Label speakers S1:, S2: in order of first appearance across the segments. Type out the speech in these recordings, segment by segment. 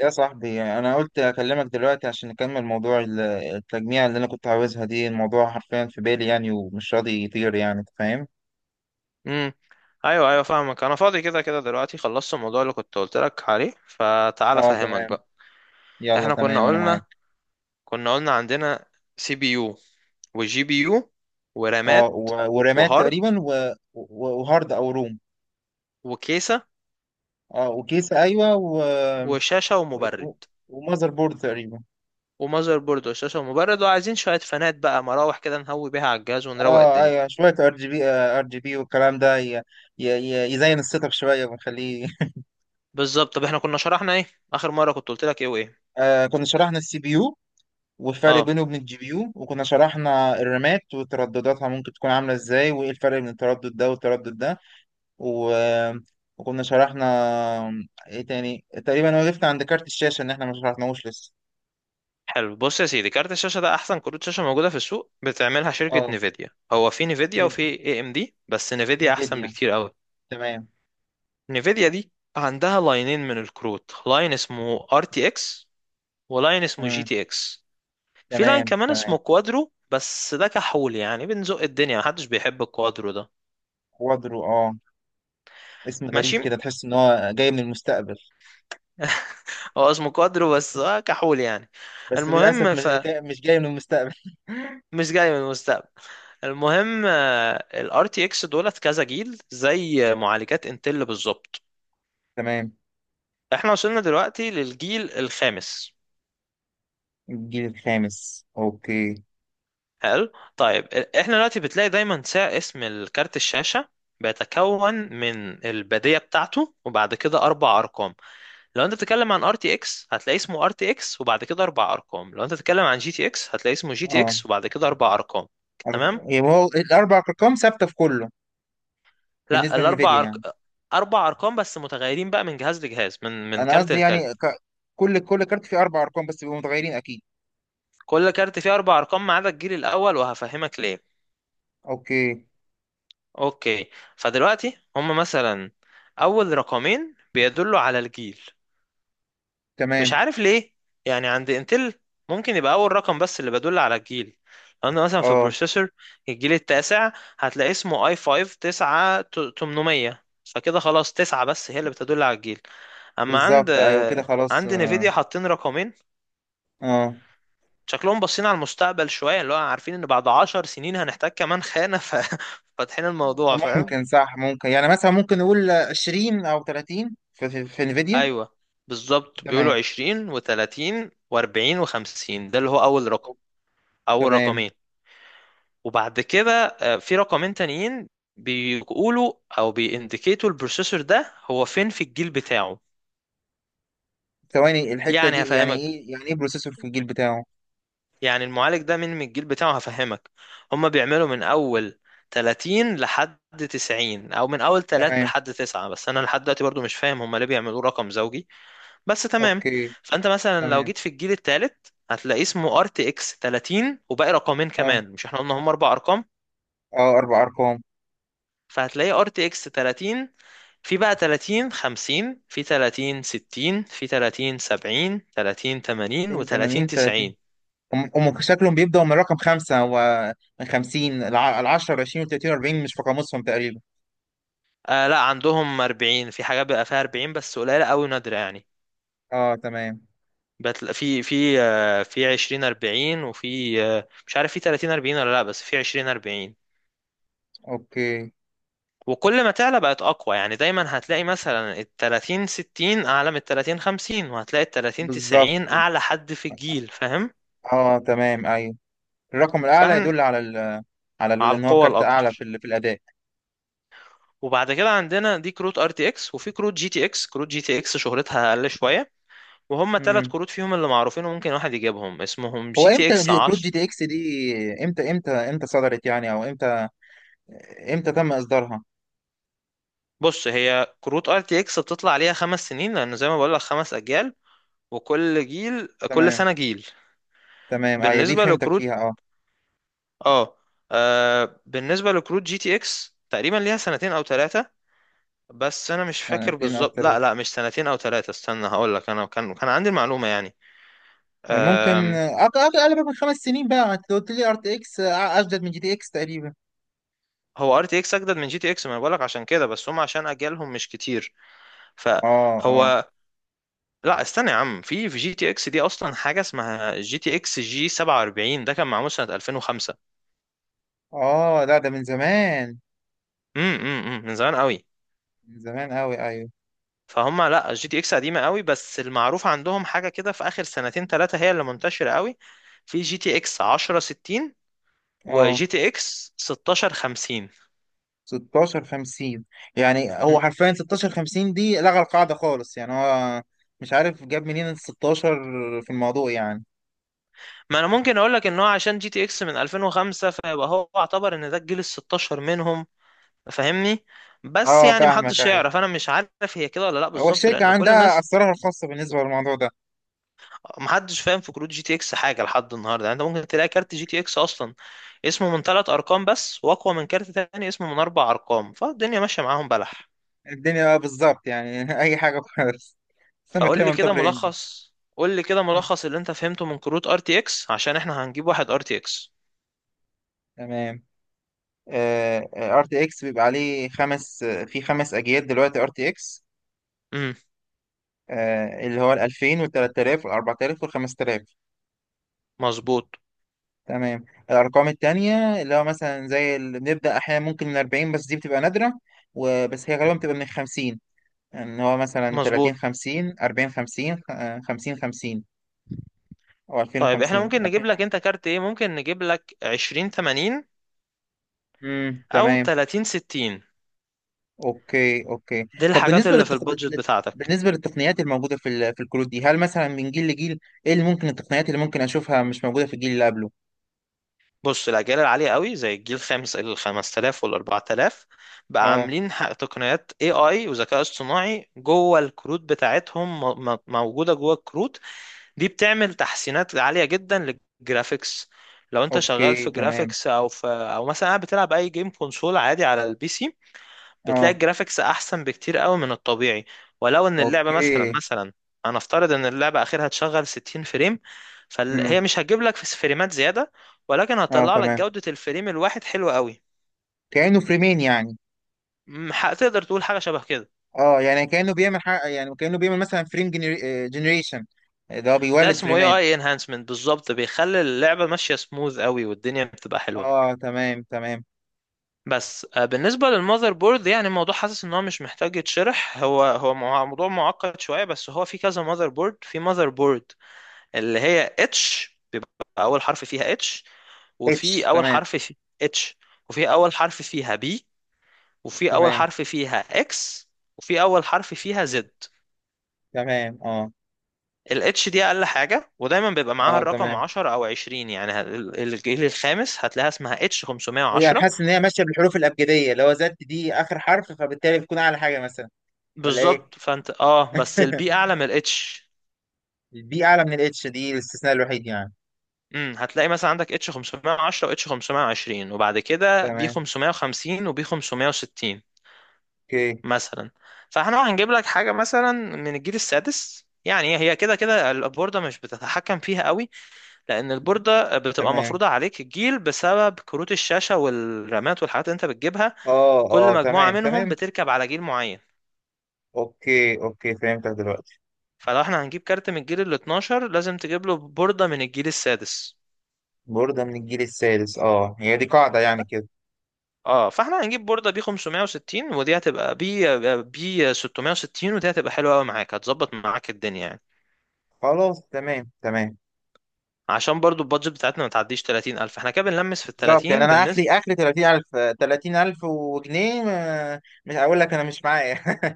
S1: يا صاحبي، انا قلت اكلمك دلوقتي عشان نكمل موضوع التجميع اللي انا كنت عاوزها دي. الموضوع حرفيا في بالي، يعني ومش راضي يطير، يعني انت فاهم.
S2: امم ايوه ايوه فاهمك. انا فاضي كده كده دلوقتي، خلصت الموضوع اللي كنت قلت لك عليه، فتعال
S1: اه،
S2: افهمك
S1: تمام.
S2: بقى.
S1: يلا
S2: احنا
S1: تمام،
S2: كنا
S1: انا
S2: قلنا
S1: معاك.
S2: كنا قلنا عندنا سي بي يو وجي بي يو
S1: اه،
S2: ورامات
S1: ورامات
S2: وهارد
S1: تقريبا وهارد او روم.
S2: وكيسة
S1: اه، وكيسة. ايوه،
S2: وشاشة ومبرد
S1: و... ومذر بورد تقريبا.
S2: ومذر بورد وشاشة ومبرد، وعايزين شوية فانات بقى، مراوح كده نهوي بيها على الجهاز ونروق
S1: اه
S2: الدنيا.
S1: ايوه، شوية ار جي بي. ار جي بي والكلام ده يزين السيت اب شوية ونخليه
S2: بالظبط، طب احنا كنا شرحنا ايه؟ اخر مرة كنت قلت لك ايه وايه؟
S1: آه، كنا شرحنا السي بي يو والفرق
S2: اه،
S1: بينه وبين الجي بي يو، وكنا شرحنا الرامات وتردداتها، ممكن تكون عاملة ازاي وايه الفرق بين التردد ده والتردد ده. و... وكنا شرحنا ايه تاني تقريبا. وقفت عند كارت الشاشة ان احنا ما شرحناهوش لسه.
S2: حلو. بص يا سيدي، كارت الشاشه ده احسن كروت شاشه موجوده في السوق بتعملها شركه
S1: اه،
S2: نيفيديا. هو في نيفيديا
S1: نيف-
S2: وفي اي ام دي، بس نيفيديا احسن
S1: نيفيديا.
S2: بكتير قوي.
S1: تمام.
S2: نيفيديا دي عندها لاينين من الكروت، لاين اسمه ار تي اكس، ولاين اسمه جي
S1: مم.
S2: تي اكس. في لاين
S1: تمام
S2: كمان اسمه
S1: تمام.
S2: كوادرو، بس ده كحول يعني، بنزق الدنيا، محدش بيحب الكوادرو ده.
S1: كوادرو، اه، اسم غريب
S2: ماشي
S1: كده، تحس ان هو جاي من المستقبل.
S2: هو اسمه كوادرو بس كحول يعني.
S1: بس للاسف،
S2: المهم
S1: مش جاي من المستقبل
S2: مش جاي من المستقبل. المهم، الار تي اكس دولت كذا جيل زي معالجات انتل بالظبط.
S1: تمام.
S2: احنا وصلنا دلوقتي للجيل الخامس.
S1: الجيل الخامس، اوكي.
S2: حلو، طيب احنا دلوقتي بتلاقي دايما اسم الكارت الشاشة بيتكون من البادية بتاعته وبعد كده اربع ارقام. لو انت بتتكلم عن ار تي اكس هتلاقي اسمه ار تي اكس وبعد كده اربع ارقام، لو انت بتتكلم عن جي تي اكس هتلاقي اسمه جي تي
S1: اه،
S2: اكس وبعد كده اربع ارقام.
S1: أر-
S2: تمام.
S1: يبقى هو الاربع ارقام ثابته في كله؟
S2: لا
S1: بالنسبه لنفيديا يعني.
S2: اربع ارقام بس متغيرين بقى من جهاز لجهاز، من
S1: انا
S2: كارت
S1: قصدي
S2: لكارت.
S1: يعني كل كارت فيه اربع ارقام، بس بيبقوا متغيرين اكيد.
S2: كل كارت فيه اربع ارقام ما عدا الجيل الاول، وهفهمك ليه.
S1: اوكي.
S2: اوكي. فدلوقتي هم مثلا اول رقمين بيدلوا على الجيل، مش
S1: تمام،
S2: عارف ليه. يعني عند انتل ممكن يبقى اول رقم بس اللي بيدل على الجيل، لان مثلا في
S1: اه،
S2: البروسيسور الجيل التاسع هتلاقي اسمه اي 5 9 800، فكده خلاص تسعة بس هي اللي بتدل على الجيل. اما عند
S1: بالظبط. ايوه كده خلاص،
S2: عند
S1: اه.
S2: نيفيديا حاطين رقمين،
S1: آه.
S2: شكلهم باصين على المستقبل شوية، اللي هو عارفين ان بعد 10 سنين هنحتاج كمان خانة، ففاتحين الموضوع. فاهم؟
S1: ممكن، صح، ممكن يعني مثلا ممكن نقول 20 او 30 في انفيديا.
S2: ايوه، بالظبط، بيقولوا
S1: تمام.
S2: عشرين وتلاتين واربعين وخمسين، ده اللي هو اول رقم، اول
S1: تمام.
S2: رقمين. وبعد كده في رقمين تانيين بيقولوا او بيindicatوا البروسيسور ده هو فين في الجيل بتاعه.
S1: ثواني، الحته
S2: يعني
S1: دي يعني
S2: هفهمك،
S1: ايه، يعني ايه بروسيسور في الجيل بتاعه؟
S2: يعني المعالج ده من الجيل بتاعه، هفهمك. هما بيعملوا من اول 30 لحد 90، او من اول 3
S1: تمام.
S2: لحد 9، بس انا لحد دلوقتي برضو مش فاهم هما ليه بيعملوه رقم زوجي، بس تمام.
S1: اوكي.
S2: فانت مثلا لو
S1: تمام،
S2: جيت في الجيل الثالث هتلاقي اسمه ار تي اكس 30 وباقي رقمين
S1: اه
S2: كمان، مش احنا قلنا هما اربع ارقام؟
S1: اه اربع ارقام.
S2: فهتلاقي ار تي اكس 30، في بقى 30 50، في 30 60، في 30 70، 30 80، و30
S1: 82 30،
S2: 90.
S1: هم شكلهم بيبدأوا من رقم خمسة ومن خمسين. العشرة والعشرين والتلاتين والأربعين مش في قاموسهم تقريبا.
S2: آه لا، عندهم 40 في حاجات، بيبقى فيها 40 بس قليلة قوي، نادرة يعني.
S1: اه، تمام.
S2: بتلاقي في 20 40، وفي مش عارف في 30 40 ولا لا، بس في 20 40.
S1: اوكي.
S2: وكل ما تعلى بقت اقوى، يعني دايما هتلاقي مثلا ال 30 60 اعلى من ال 30 50، وهتلاقي ال 30
S1: بالظبط.
S2: 90 اعلى حد في الجيل. فاهم؟
S1: اه تمام، ايوه. الرقم الأعلى
S2: فاحنا
S1: يدل على
S2: على
S1: إن هو
S2: القوة
S1: كارت أعلى في
S2: الاكتر.
S1: في الأداء.
S2: وبعد كده عندنا دي كروت ار تي اكس، وفي كروت جي تي اكس. كروت جي تي اكس شهرتها اقل شوية، وهم ثلاث
S1: امم
S2: كروت فيهم اللي معروفين وممكن واحد يجيبهم اسمهم
S1: هو
S2: جي تي
S1: امتى
S2: اكس.
S1: كروت جي تي اكس دي، امتى، امتى صدرت يعني؟ او امتى تم اصدارها؟
S2: بص، هي كروت ار تي اكس بتطلع عليها خمس سنين، لانه زي ما بقول لك خمس اجيال، وكل جيل، كل
S1: تمام
S2: سنه جيل.
S1: تمام، ايوه، دي
S2: بالنسبه
S1: فهمتك
S2: لكروت،
S1: فيها، اه.
S2: اه، بالنسبه لكروت جي تي اكس تقريبا ليها سنتين او ثلاثه، بس انا مش فاكر
S1: سنتين او
S2: بالظبط. لا
S1: ثلاثة؟
S2: لا، مش سنتين او ثلاثه، استنى هقول لك، انا كان عندي المعلومه يعني.
S1: ممكن
S2: آم،
S1: اقل من خمس سنين بقى. أنت قلت لي ار تي اكس اجدد من جي تي اكس تقريبا.
S2: هو ار تي اكس اجدد من جي تي اكس، ما انا بقول لك عشان كده، بس هم عشان اجيالهم مش كتير
S1: اه اه
S2: فهو. لا استنى يا عم، في جي تي اكس دي اصلا حاجه اسمها جي تي اكس جي 47 ده كان معمول سنه 2005.
S1: اه لا ده من زمان.
S2: من زمان قوي.
S1: من زمان قوي، ايوه.
S2: فهم لا، الجي تي اكس قديمه قوي، بس المعروف عندهم حاجه كده في اخر سنتين ثلاثه هي اللي منتشره قوي. في جي تي اكس 1060، وجي
S1: اه،
S2: تي اكس 1650.
S1: 16 50. يعني
S2: مم.
S1: هو حرفيا 16 50 دي لغى القاعدة خالص، يعني هو مش عارف جاب منين ال 16 في الموضوع، يعني.
S2: ما انا ممكن اقول لك ان هو عشان جي تي اكس من 2005، فيبقى هو اعتبر ان ده الجيل ال 16 منهم. فاهمني؟ بس
S1: اه،
S2: يعني
S1: فاهمك،
S2: محدش
S1: ايوه.
S2: يعرف، انا مش عارف هي كده ولا لا
S1: هو
S2: بالظبط،
S1: الشركة
S2: لان كل
S1: عندها
S2: الناس،
S1: أسرارها الخاصة بالنسبة للموضوع ده.
S2: محدش فاهم في كروت جي تي اكس حاجه لحد النهارده. يعني انت ممكن تلاقي كارت جي تي اكس اصلا اسمه من ثلاث ارقام بس واقوى من كارت تاني اسمه من اربع ارقام، فالدنيا ماشيه معاهم بلح.
S1: الدنيا بقى، بالظبط، يعني أي حاجة خالص. سمك
S2: فقول لي
S1: ليمون
S2: كده
S1: طبر هندي
S2: ملخص، اللي انت فهمته من كروت ار تي اكس عشان احنا هنجيب واحد ار تي اكس.
S1: تمام. ار تي اكس بيبقى عليه خمس، في خمس اجيال دلوقتي ار تي اكس.
S2: امم
S1: اللي هو ال 2000 وال 3000 وال 4000 وال 5000.
S2: مظبوط
S1: تمام. الأرقام التانية اللي هو مثلا زي اللي بنبدأ أحيانا ممكن من 40، بس دي بتبقى نادرة، وبس هي غالبا بتبقى من 50. إن هو مثلا
S2: مظبوط،
S1: 30 50، 40 50، 50 50، أو 20
S2: طيب احنا
S1: 50،
S2: ممكن نجيب لك
S1: 2050.
S2: انت كارت ايه؟ ممكن نجيب لك 20 80 او
S1: تمام.
S2: 30 60،
S1: أوكي أوكي.
S2: دي
S1: طب
S2: الحاجات
S1: بالنسبة
S2: اللي في البادجت بتاعتك.
S1: بالنسبة للتقنيات الموجودة في في الكروت دي، هل مثلا من جيل لجيل إيه اللي ممكن، التقنيات اللي ممكن أشوفها مش موجودة في الجيل اللي قبله؟
S2: بص، الأجيال العالية قوي زي الجيل الخامس ال 5000 وال 4000 بقى
S1: أه.
S2: عاملين تقنيات AI وذكاء اصطناعي جوه الكروت بتاعتهم، موجودة جوه الكروت. دي بتعمل تحسينات عالية جدا للجرافيكس. لو انت شغال
S1: أوكي
S2: في
S1: تمام.
S2: جرافيكس او مثلا قاعد بتلعب اي جيم، كونسول عادي على البي سي، بتلاقي
S1: أه.
S2: الجرافيكس احسن بكتير قوي من الطبيعي. ولو ان اللعبه مثلا
S1: اوكي.
S2: مثلا انا افترض ان اللعبه اخرها تشغل 60 فريم، فهي
S1: امم
S2: مش هتجيب لك في فريمات زياده، ولكن
S1: اه
S2: هتطلع لك
S1: تمام.
S2: جوده الفريم الواحد حلوه قوي.
S1: كأنه فريمين يعني.
S2: تقدر تقول حاجه شبه كده.
S1: اه، يعني كأنه بيعمل حق، يعني كأنه بيعمل مثلا فريم جنريشن. ده هو
S2: ده
S1: بيولد
S2: اسمه اي
S1: فريمات.
S2: اي انهانسمنت بالظبط، بيخلي اللعبه ماشيه سموث قوي والدنيا بتبقى حلوه.
S1: اه، تمام تمام.
S2: بس بالنسبه للمذر بورد يعني الموضوع حاسس ان هو مش محتاج يتشرح. هو موضوع معقد شويه، بس هو في كذا مذر بورد. في مذر بورد اللي هي اتش، بيبقى اول حرف فيها اتش،
S1: اتش،
S2: وفي اول
S1: تمام.
S2: حرف في اتش وفي اول حرف فيها بي، وفي اول
S1: تمام
S2: حرف فيها اكس، وفي اول حرف فيها زد.
S1: تمام، اه
S2: الاتش دي اقل حاجه، ودايما بيبقى معاها
S1: اه
S2: الرقم
S1: تمام.
S2: 10 او 20. يعني الجيل الخامس هتلاقيها اسمها اتش
S1: يعني
S2: 510.
S1: حاسس ان هي ماشيه بالحروف الابجديه، اللي هو زد دي اخر حرف، فبالتالي بتكون اعلى حاجه مثلا، ولا ايه؟
S2: بالظبط، فانت اه بس البي اعلى من الاتش.
S1: دي اعلى من الاتش، دي الاستثناء الوحيد يعني.
S2: هتلاقي مثلا عندك اتش 510 واتش 520، وبعد كده بي
S1: تمام.
S2: 550 وبي 560
S1: اوكي.
S2: مثلا. فاحنا هنجيب لك حاجه مثلا من الجيل السادس، يعني هي كده كده البورده مش بتتحكم فيها قوي، لان البورده بتبقى
S1: تمام،
S2: مفروضه عليك الجيل بسبب كروت الشاشه والرامات والحاجات اللي انت بتجيبها.
S1: اه
S2: كل
S1: اه
S2: مجموعه
S1: تمام
S2: منهم
S1: تمام.
S2: بتركب على جيل معين.
S1: اوكي اوكي، فهمتك دلوقتي.
S2: فلو احنا هنجيب كارت من الجيل ال 12 لازم تجيب له بورده من الجيل السادس.
S1: بوردة من الجيل السادس، اه، هي دي قاعدة يعني
S2: ف-
S1: كده.
S2: اه فاحنا هنجيب بورده بي 560، ودي هتبقى بي 660، ودي هتبقى حلوه قوي معاك، هتظبط معاك الدنيا يعني.
S1: خلاص تمام تمام.
S2: عشان برضو البادجت بتاعتنا ما تعديش 30000، احنا كده بنلمس في ال
S1: بالظبط، يعني
S2: 30
S1: انا
S2: بالنسبة.
S1: اخري اخري 30,000. 30,000 وجنيه، مش هقول لك انا مش معايا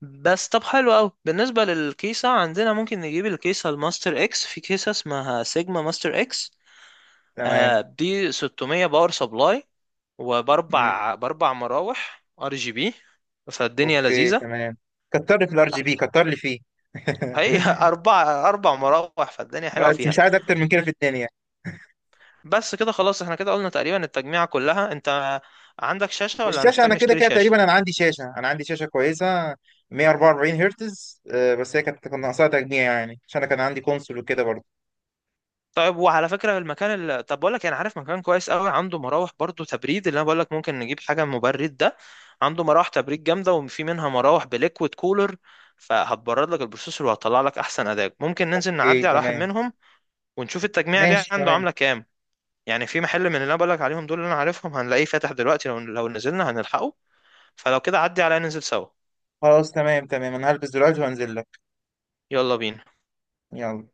S2: بس طب حلو قوي. بالنسبة للكيسة عندنا ممكن نجيب الكيسة الماستر اكس، في كيسة اسمها سيجما ماستر اكس.
S1: تمام.
S2: دي 600 باور سبلاي،
S1: مم.
S2: وباربع مراوح ار جي بي، فالدنيا
S1: اوكي
S2: لذيذة.
S1: تمام. كتر لي في الار جي بي، كتر لي فيه
S2: هي أربع مراوح فالدنيا حلوة
S1: بس
S2: فيها.
S1: مش عايز اكتر من كده في الدنيا.
S2: بس كده خلاص، احنا كده قلنا تقريبا التجميعة كلها. انت عندك شاشة ولا
S1: والشاشه
S2: هنحتاج
S1: انا كده
S2: نشتري
S1: كده
S2: شاشة؟
S1: تقريبا، انا عندي شاشه، انا عندي شاشه كويسه 144 هرتز. بس هي كان ناقصها تجميع يعني، عشان انا كان عندي كونسول وكده برضه.
S2: طيب، وعلى فكرة المكان اللي... طب بقول لك إيه، انا عارف مكان كويس قوي عنده مراوح برضو تبريد، اللي انا بقول لك ممكن نجيب حاجة مبرد ده، عنده مراوح تبريد جامدة وفي منها مراوح بليكويد كولر، فهتبرد لك البروسيسور وهتطلع لك احسن اداء. ممكن ننزل
S1: اوكي
S2: نعدي على واحد
S1: تمام.
S2: منهم ونشوف التجميع دي
S1: ماشي
S2: عنده
S1: تمام.
S2: عاملة كام. يعني في محل من اللي انا بقول لك عليهم دول اللي انا عارفهم هنلاقيه فاتح دلوقتي، لو نزلنا هنلحقه. فلو كده عدي عليا ننزل سوا.
S1: خلاص تمام تمام، انا هلبس دلوقتي وانزل لك.
S2: يلا بينا.
S1: يلا.